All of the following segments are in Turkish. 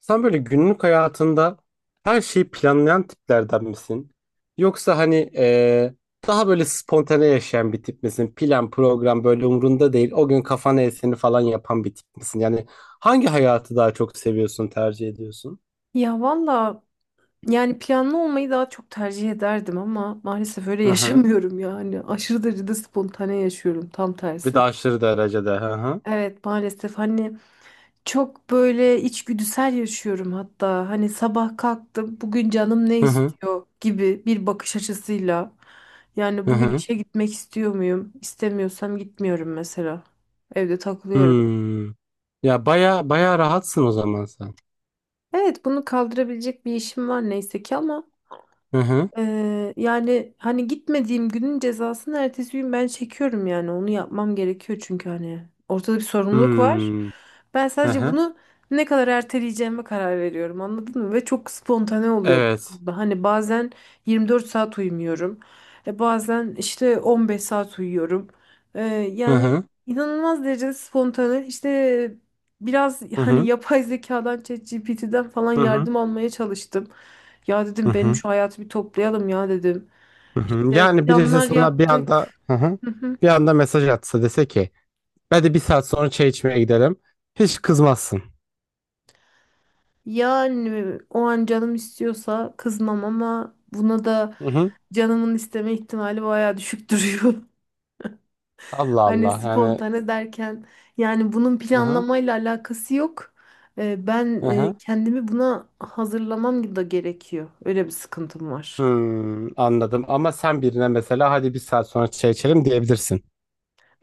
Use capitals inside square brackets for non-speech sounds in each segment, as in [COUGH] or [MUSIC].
Sen böyle günlük hayatında her şeyi planlayan tiplerden misin? Yoksa hani daha böyle spontane yaşayan bir tip misin? Plan, program böyle umrunda değil. O gün kafana eseni falan yapan bir tip misin? Yani hangi hayatı daha çok seviyorsun, tercih ediyorsun? Ya valla yani planlı olmayı daha çok tercih ederdim ama maalesef öyle [LAUGHS] Hı hı. yaşamıyorum yani. Aşırı derecede spontane yaşıyorum, tam Bir de tersi. aşırı derecede. Hı hı. Evet maalesef hani çok böyle içgüdüsel yaşıyorum hatta. Hani sabah kalktım bugün canım ne Hı hı. istiyor gibi bir bakış açısıyla. Yani Hı bugün hı. işe gitmek istiyor muyum? İstemiyorsam gitmiyorum mesela. Evde takılıyorum. Hmm. Ya baya baya rahatsın o zaman sen. Evet bunu kaldırabilecek bir işim var neyse ki ama Hı hı. Yani hani gitmediğim günün cezasını ertesi gün ben çekiyorum yani onu yapmam gerekiyor çünkü hani ortada bir sorumluluk var. Hmm. Ben Hı sadece hı. bunu ne kadar erteleyeceğime karar veriyorum anladın mı? Ve çok spontane oluyor. Evet. bu. Hani bazen 24 saat uyumuyorum. Bazen işte 15 saat uyuyorum. Ee, Hı yani hı. inanılmaz derecede spontane İşte biraz Hı hani hı. yapay zekadan ChatGPT'den falan Hı hı. yardım almaya çalıştım. Ya Hı dedim benim hı. şu hayatı bir toplayalım ya dedim. Hı hı. İşte Yani birisi planlar sana bir yaptık. anda hı hı, Hı hı. bir anda mesaj atsa dese ki ben de bir saat sonra çay içmeye gidelim. Hiç kızmazsın. Yani o an canım istiyorsa kızmam ama buna da Hı hı. canımın isteme ihtimali bayağı düşük duruyor. [LAUGHS] Allah Hani Allah yani spontane derken yani bunun hı hı, planlamayla alakası yok. Ee, ben hı e, hı. kendimi buna hazırlamam da gerekiyor. Öyle bir sıkıntım var. Hmm, anladım ama sen birine mesela hadi bir saat sonra çay içelim diyebilirsin.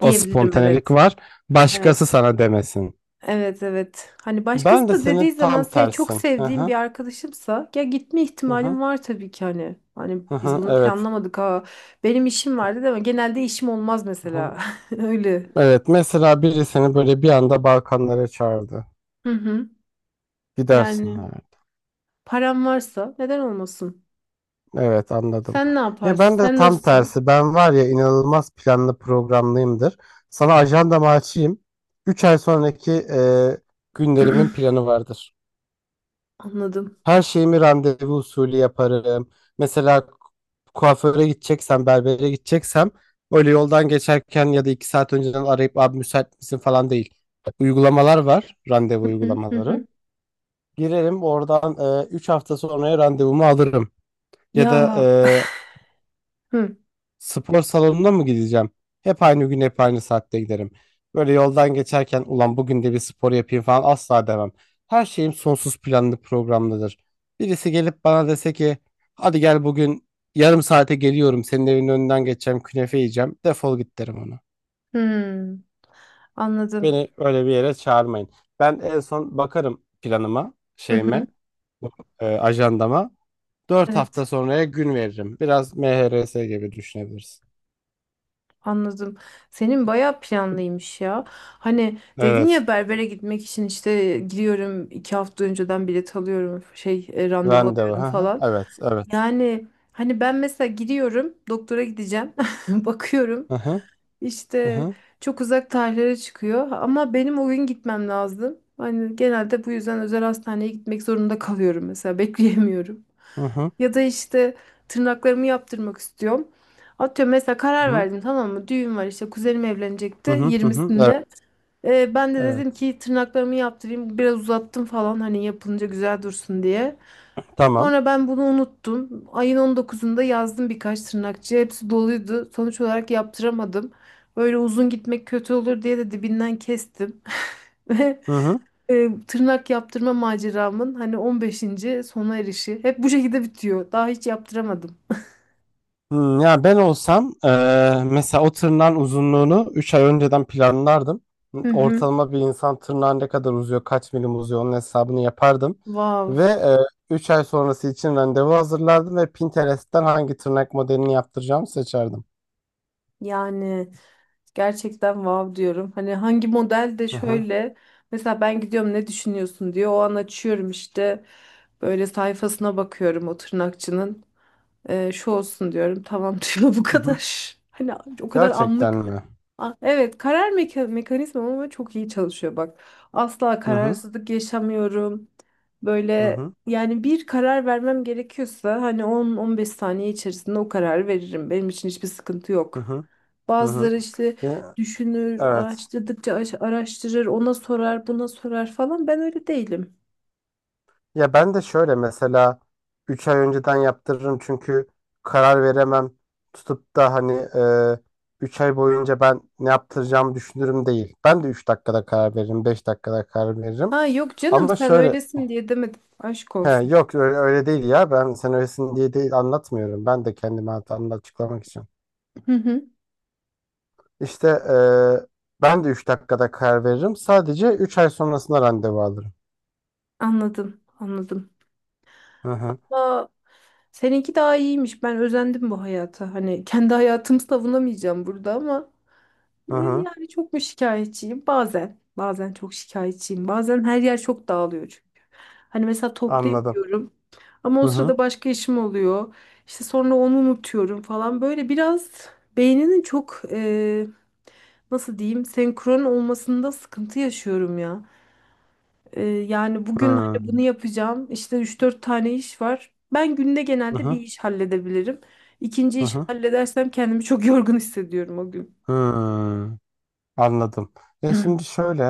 O Diyebilirim evet. spontanelik var. Başkası Evet. sana demesin. Evet evet. Hani Ben başkası de da dediği senin zaman tam çok tersin. Hı sevdiğim bir hı, arkadaşımsa ya gitme hı hı, ihtimalim var tabii ki hani. Hani hı biz hı, bunu evet. planlamadık ha. Benim işim vardı değil mi? Genelde işim olmaz Hı hı. mesela. [LAUGHS] Öyle. Evet, mesela biri seni böyle bir anda Balkanlara çağırdı. Hı hı. Gidersin Yani yani. param varsa neden olmasın? Evet, anladım. Sen ne Ya yaparsın? ben de Sen tam nasılsın? tersi. Ben var ya inanılmaz planlı programlıyımdır. Sana ajandamı açayım. 3 ay sonraki günlerimin [CLEARS THROAT] planı vardır. Anladım. Her şeyimi randevu usulü yaparım. Mesela kuaföre gideceksem, berbere gideceksem öyle yoldan geçerken ya da 2 saat önceden arayıp abi müsait misin falan değil. Uygulamalar var, randevu Hı hı uygulamaları. hı. Girerim oradan 3 hafta sonraya randevumu alırım. Ya da Ya. Hı spor salonuna mı gideceğim? Hep aynı gün, hep aynı saatte giderim. Böyle yoldan geçerken ulan bugün de bir spor yapayım falan asla demem. Her şeyim sonsuz planlı programlıdır. Birisi gelip bana dese ki hadi gel bugün yarım saate geliyorum senin evinin önünden geçeceğim künefe yiyeceğim, defol git derim ona. hı. Anladım. Beni öyle bir yere çağırmayın. Ben en son bakarım planıma, Hı hı. şeyime, ajandama. Dört Evet. hafta sonraya gün veririm. Biraz MHRS gibi düşünebilirsin. Anladım. Senin bayağı planlıymış ya. Hani dedin Evet. ya, berbere gitmek için işte gidiyorum iki hafta önceden bilet alıyorum şey randevu Randevu. alıyorum Hı hı. falan. Evet, evet. Yani hani ben mesela gidiyorum doktora gideceğim [LAUGHS] bakıyorum Hı hı. Hı işte hı. çok uzak tarihlere çıkıyor ama benim o gün gitmem lazım. Hani genelde bu yüzden özel hastaneye gitmek zorunda kalıyorum mesela [LAUGHS] bekleyemiyorum. Hı hı. Ya da işte tırnaklarımı yaptırmak istiyorum. Atıyorum mesela, Hı karar hı. verdim tamam mı? Düğün var işte, kuzenim Hı evlenecekti hı, hı. Evet, 20'sinde. Ben de dedim evet. ki tırnaklarımı yaptırayım biraz, uzattım falan hani, yapılınca güzel dursun diye. Tamam. Sonra ben bunu unuttum. Ayın 19'unda yazdım birkaç tırnakçıya, hepsi doluydu. Sonuç olarak yaptıramadım. Böyle uzun gitmek kötü olur diye de dibinden kestim. [LAUGHS] Ve Hı hı. Tırnak yaptırma maceramın hani 15. sona erişi hep bu şekilde bitiyor. Daha hiç yaptıramadım. Hmm, ya ben olsam mesela o tırnağın uzunluğunu 3 ay önceden planlardım. Hı hı. Ortalama bir insan tırnağı ne kadar uzuyor, kaç milim uzuyor onun hesabını yapardım. Wow. Ve 3 ay sonrası için randevu hazırlardım ve Pinterest'ten hangi tırnak modelini yaptıracağımı seçerdim. Yani gerçekten wow diyorum. Hani hangi model, de Hı hı. şöyle mesela ben gidiyorum ne düşünüyorsun diyor. O an açıyorum işte böyle sayfasına bakıyorum o tırnakçının. Şu olsun diyorum. Tamam [LAUGHS] diyor, bu Hı hı. kadar. Hani o kadar Gerçekten anlık. mi? Ah, evet, karar mekanizmam ama çok iyi çalışıyor bak. Asla Hı hı. kararsızlık yaşamıyorum. Hı Böyle hı. yani bir karar vermem gerekiyorsa hani 10-15 saniye içerisinde o kararı veririm. Benim için hiçbir sıkıntı Hı yok. hı. Hı hı. Bazıları işte E, düşünür, evet. araştırdıkça araştırır, ona sorar, buna sorar falan. Ben öyle değilim. Ya ben de şöyle, mesela 3 ay önceden yaptırırım çünkü karar veremem. Tutup da hani 3 ay boyunca ben ne yaptıracağımı düşünürüm değil. Ben de 3 dakikada karar veririm, 5 dakikada karar veririm. Ha yok canım, Ama sen şöyle, öylesin diye demedim. Aşk he, olsun. yok öyle, öyle değil, ya ben sen öylesin diye değil anlatmıyorum. Ben de kendimi hatamda açıklamak için. Hı hı. İşte ben de 3 dakikada karar veririm. Sadece 3 ay sonrasında randevu alırım. Anladım, anladım. Hı hı, Seninki daha iyiymiş. Ben özendim bu hayata. Hani kendi hayatımı savunamayacağım burada ama hı hı, yani çok mu şikayetçiyim? Bazen. Bazen çok şikayetçiyim. Bazen her yer çok dağılıyor çünkü. Hani mesela anladım. toplayamıyorum ama o Hı hı, sırada başka işim oluyor. İşte sonra onu unutuyorum falan. Böyle biraz beyninin çok nasıl diyeyim, senkron olmasında sıkıntı yaşıyorum ya. Yani bugün hı hani bunu yapacağım. İşte üç dört tane iş var. Ben günde genelde hı, bir iş halledebilirim. İkinci hı işi hı. halledersem kendimi çok [LAUGHS] yorgun hissediyorum o gün. Hmm, anladım. Ya [CLEARS THROAT] şimdi şöyle,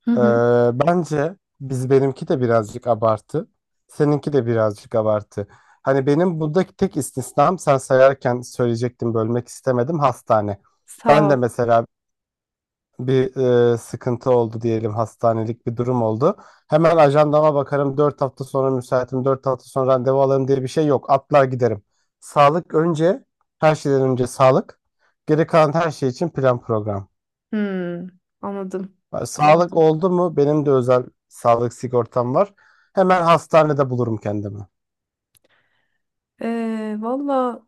Hı e, hı. bence biz, benimki de birazcık abartı, seninki de birazcık abartı. Hani benim buradaki tek istisnam, sen sayarken söyleyecektim, bölmek istemedim, hastane. Sağ Ben de ol. mesela bir sıkıntı oldu diyelim, hastanelik bir durum oldu. Hemen ajandama bakarım, 4 hafta sonra müsaitim, 4 hafta sonra randevu alırım diye bir şey yok. Atlar giderim. Sağlık önce, her şeyden önce sağlık. Geri kalan her şey için plan program. Hmm, anladım. Sağlık Anladım. oldu mu? Benim de özel sağlık sigortam var. Hemen hastanede bulurum kendimi. Valla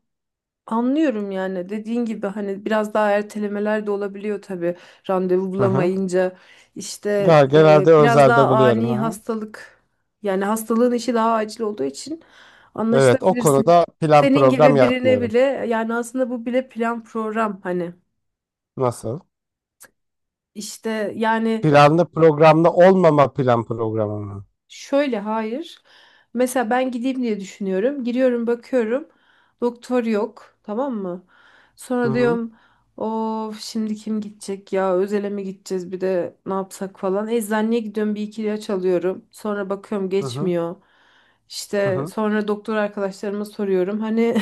anlıyorum yani, dediğin gibi hani biraz daha ertelemeler de olabiliyor tabii randevu Hı hı. bulamayınca işte Ya, genelde biraz özelde daha buluyorum. ani Ha. hastalık yani, hastalığın işi daha acil olduğu için Evet, o anlaşılabilirsin. konuda plan Senin program gibi birine yapmıyorum. bile yani, aslında bu bile plan program hani Nasıl? işte yani. Planlı programlı olmama plan programı mı? Şöyle, hayır. Mesela ben gideyim diye düşünüyorum. Giriyorum, bakıyorum. Doktor yok. Tamam mı? Hı Sonra hı. diyorum of, şimdi kim gidecek ya, özele mi gideceğiz bir de, ne yapsak falan. Eczaneye gidiyorum, bir iki ilaç alıyorum. Sonra bakıyorum Hı hı. geçmiyor. Hı İşte hı. sonra doktor arkadaşlarıma soruyorum. Hani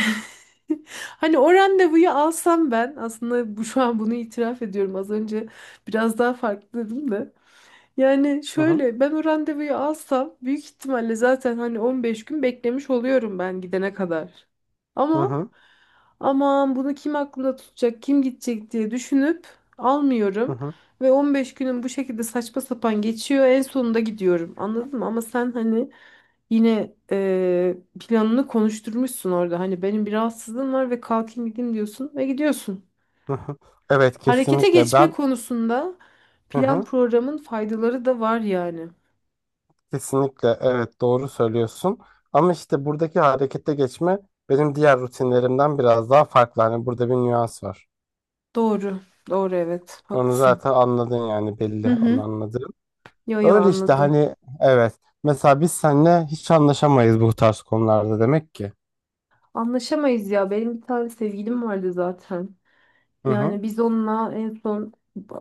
[LAUGHS] hani o randevuyu alsam, ben aslında bu şu an bunu itiraf ediyorum. Az önce biraz daha farklı dedim de. Yani Hı hı. şöyle, ben o randevuyu alsam büyük ihtimalle zaten hani 15 gün beklemiş oluyorum ben gidene kadar. Hı Ama hı. aman, bunu kim aklında tutacak, kim gidecek diye düşünüp Hı almıyorum. hı. Ve 15 günüm bu şekilde saçma sapan geçiyor. En sonunda gidiyorum. Anladın mı? Ama sen hani yine planını konuşturmuşsun orada. Hani benim bir rahatsızlığım var ve kalkayım gideyim diyorsun ve gidiyorsun. Hı hı. Evet, Harekete kesinlikle geçme ben. konusunda Hı plan hı. programın faydaları da var yani. Kesinlikle evet, doğru söylüyorsun. Ama işte buradaki harekete geçme benim diğer rutinlerimden biraz daha farklı. Hani burada bir nüans var. Doğru. Doğru evet. Onu Haklısın. zaten anladın, yani Hı belli, onu hı. anladım. Yo yo, Öyle işte, anladım. hani evet. Mesela biz seninle hiç anlaşamayız bu tarz konularda demek ki. Anlaşamayız ya. Benim bir tane sevgilim vardı zaten. Hı hı. Yani biz onunla en son,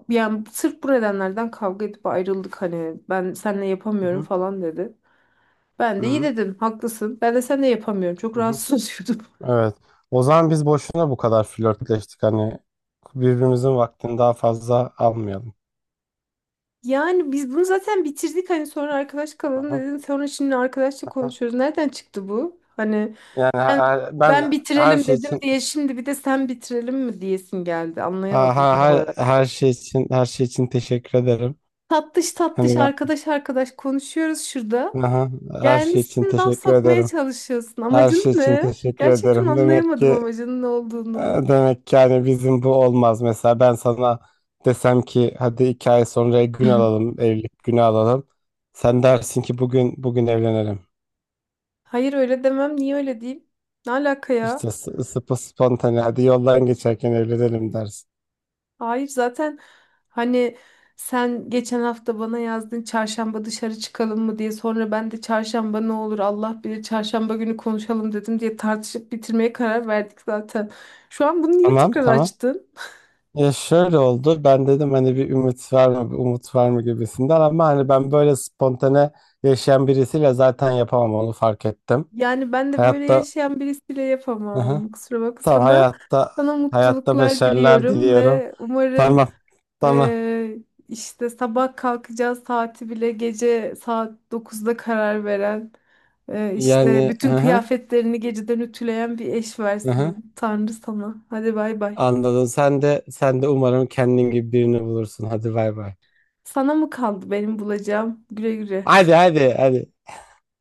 yani sırf bu nedenlerden kavga edip ayrıldık hani, ben seninle Hı yapamıyorum hı. falan dedi. Ben Hı de iyi hı. dedim, haklısın. Ben de seninle yapamıyorum. Çok Hı hı. rahatsız oluyordum. [LAUGHS] Evet. O zaman biz boşuna bu kadar flörtleştik, hani birbirimizin vaktini daha fazla almayalım. Yani biz bunu zaten bitirdik hani, sonra arkadaş Hı kalalım hı. dedin. Sonra şimdi arkadaşla Hı hı. konuşuyoruz. Nereden çıktı bu? Hani Ben Ben ben her bitirelim şey dedim için diye şimdi bir de sen bitirelim mi diyesin geldi. Anlayamadım tam olarak. her şey için her şey için teşekkür ederim. Tatlış tatlış, Hani ben, arkadaş arkadaş konuşuyoruz şurada. hı hı, her şey için Gelmişsin laf teşekkür sokmaya ederim. çalışıyorsun. Her Amacın şey için ne? teşekkür Gerçekten ederim. Demek anlayamadım ki amacının ne E, olduğunu. demek ki yani bizim bu olmaz. Mesela ben sana desem ki hadi iki ay sonra gün [CLEARS THROAT] alalım, evlilik günü alalım. Sen dersin ki bugün bugün evlenelim. Hayır, öyle demem. Niye öyle diyeyim? Ne alaka ya? İşte sıpı spontane, hadi yoldan geçerken evlenelim dersin. Hayır zaten hani, sen geçen hafta bana yazdın çarşamba dışarı çıkalım mı diye, sonra ben de çarşamba ne olur Allah bilir, çarşamba günü konuşalım dedim diye tartışıp bitirmeye karar verdik zaten. Şu an bunu niye Tamam tekrar tamam. açtın? Ya şöyle oldu. Ben dedim hani bir ümit var mı, bir umut var mı gibisinden, ama hani ben böyle spontane yaşayan birisiyle zaten yapamam, onu fark ettim. Yani ben de böyle Hayatta, yaşayan birisiyle hı hı, yapamam. Kusura bakma tamam, sana. hayatta, Sana hayatta mutluluklar başarılar diliyorum diliyorum. ve umarım Tamam. Tamam. eee, işte sabah kalkacağı saati bile gece saat 9'da karar veren, işte Yani bütün hı hı, kıyafetlerini geceden ütüleyen bir eş hı hı. versin Tanrı sana. Hadi bay bay. Anladım. Sen de, sen de umarım kendin gibi birini bulursun. Hadi bay bay. Sana mı kaldı benim bulacağım? Güle güle. Hadi hadi hadi.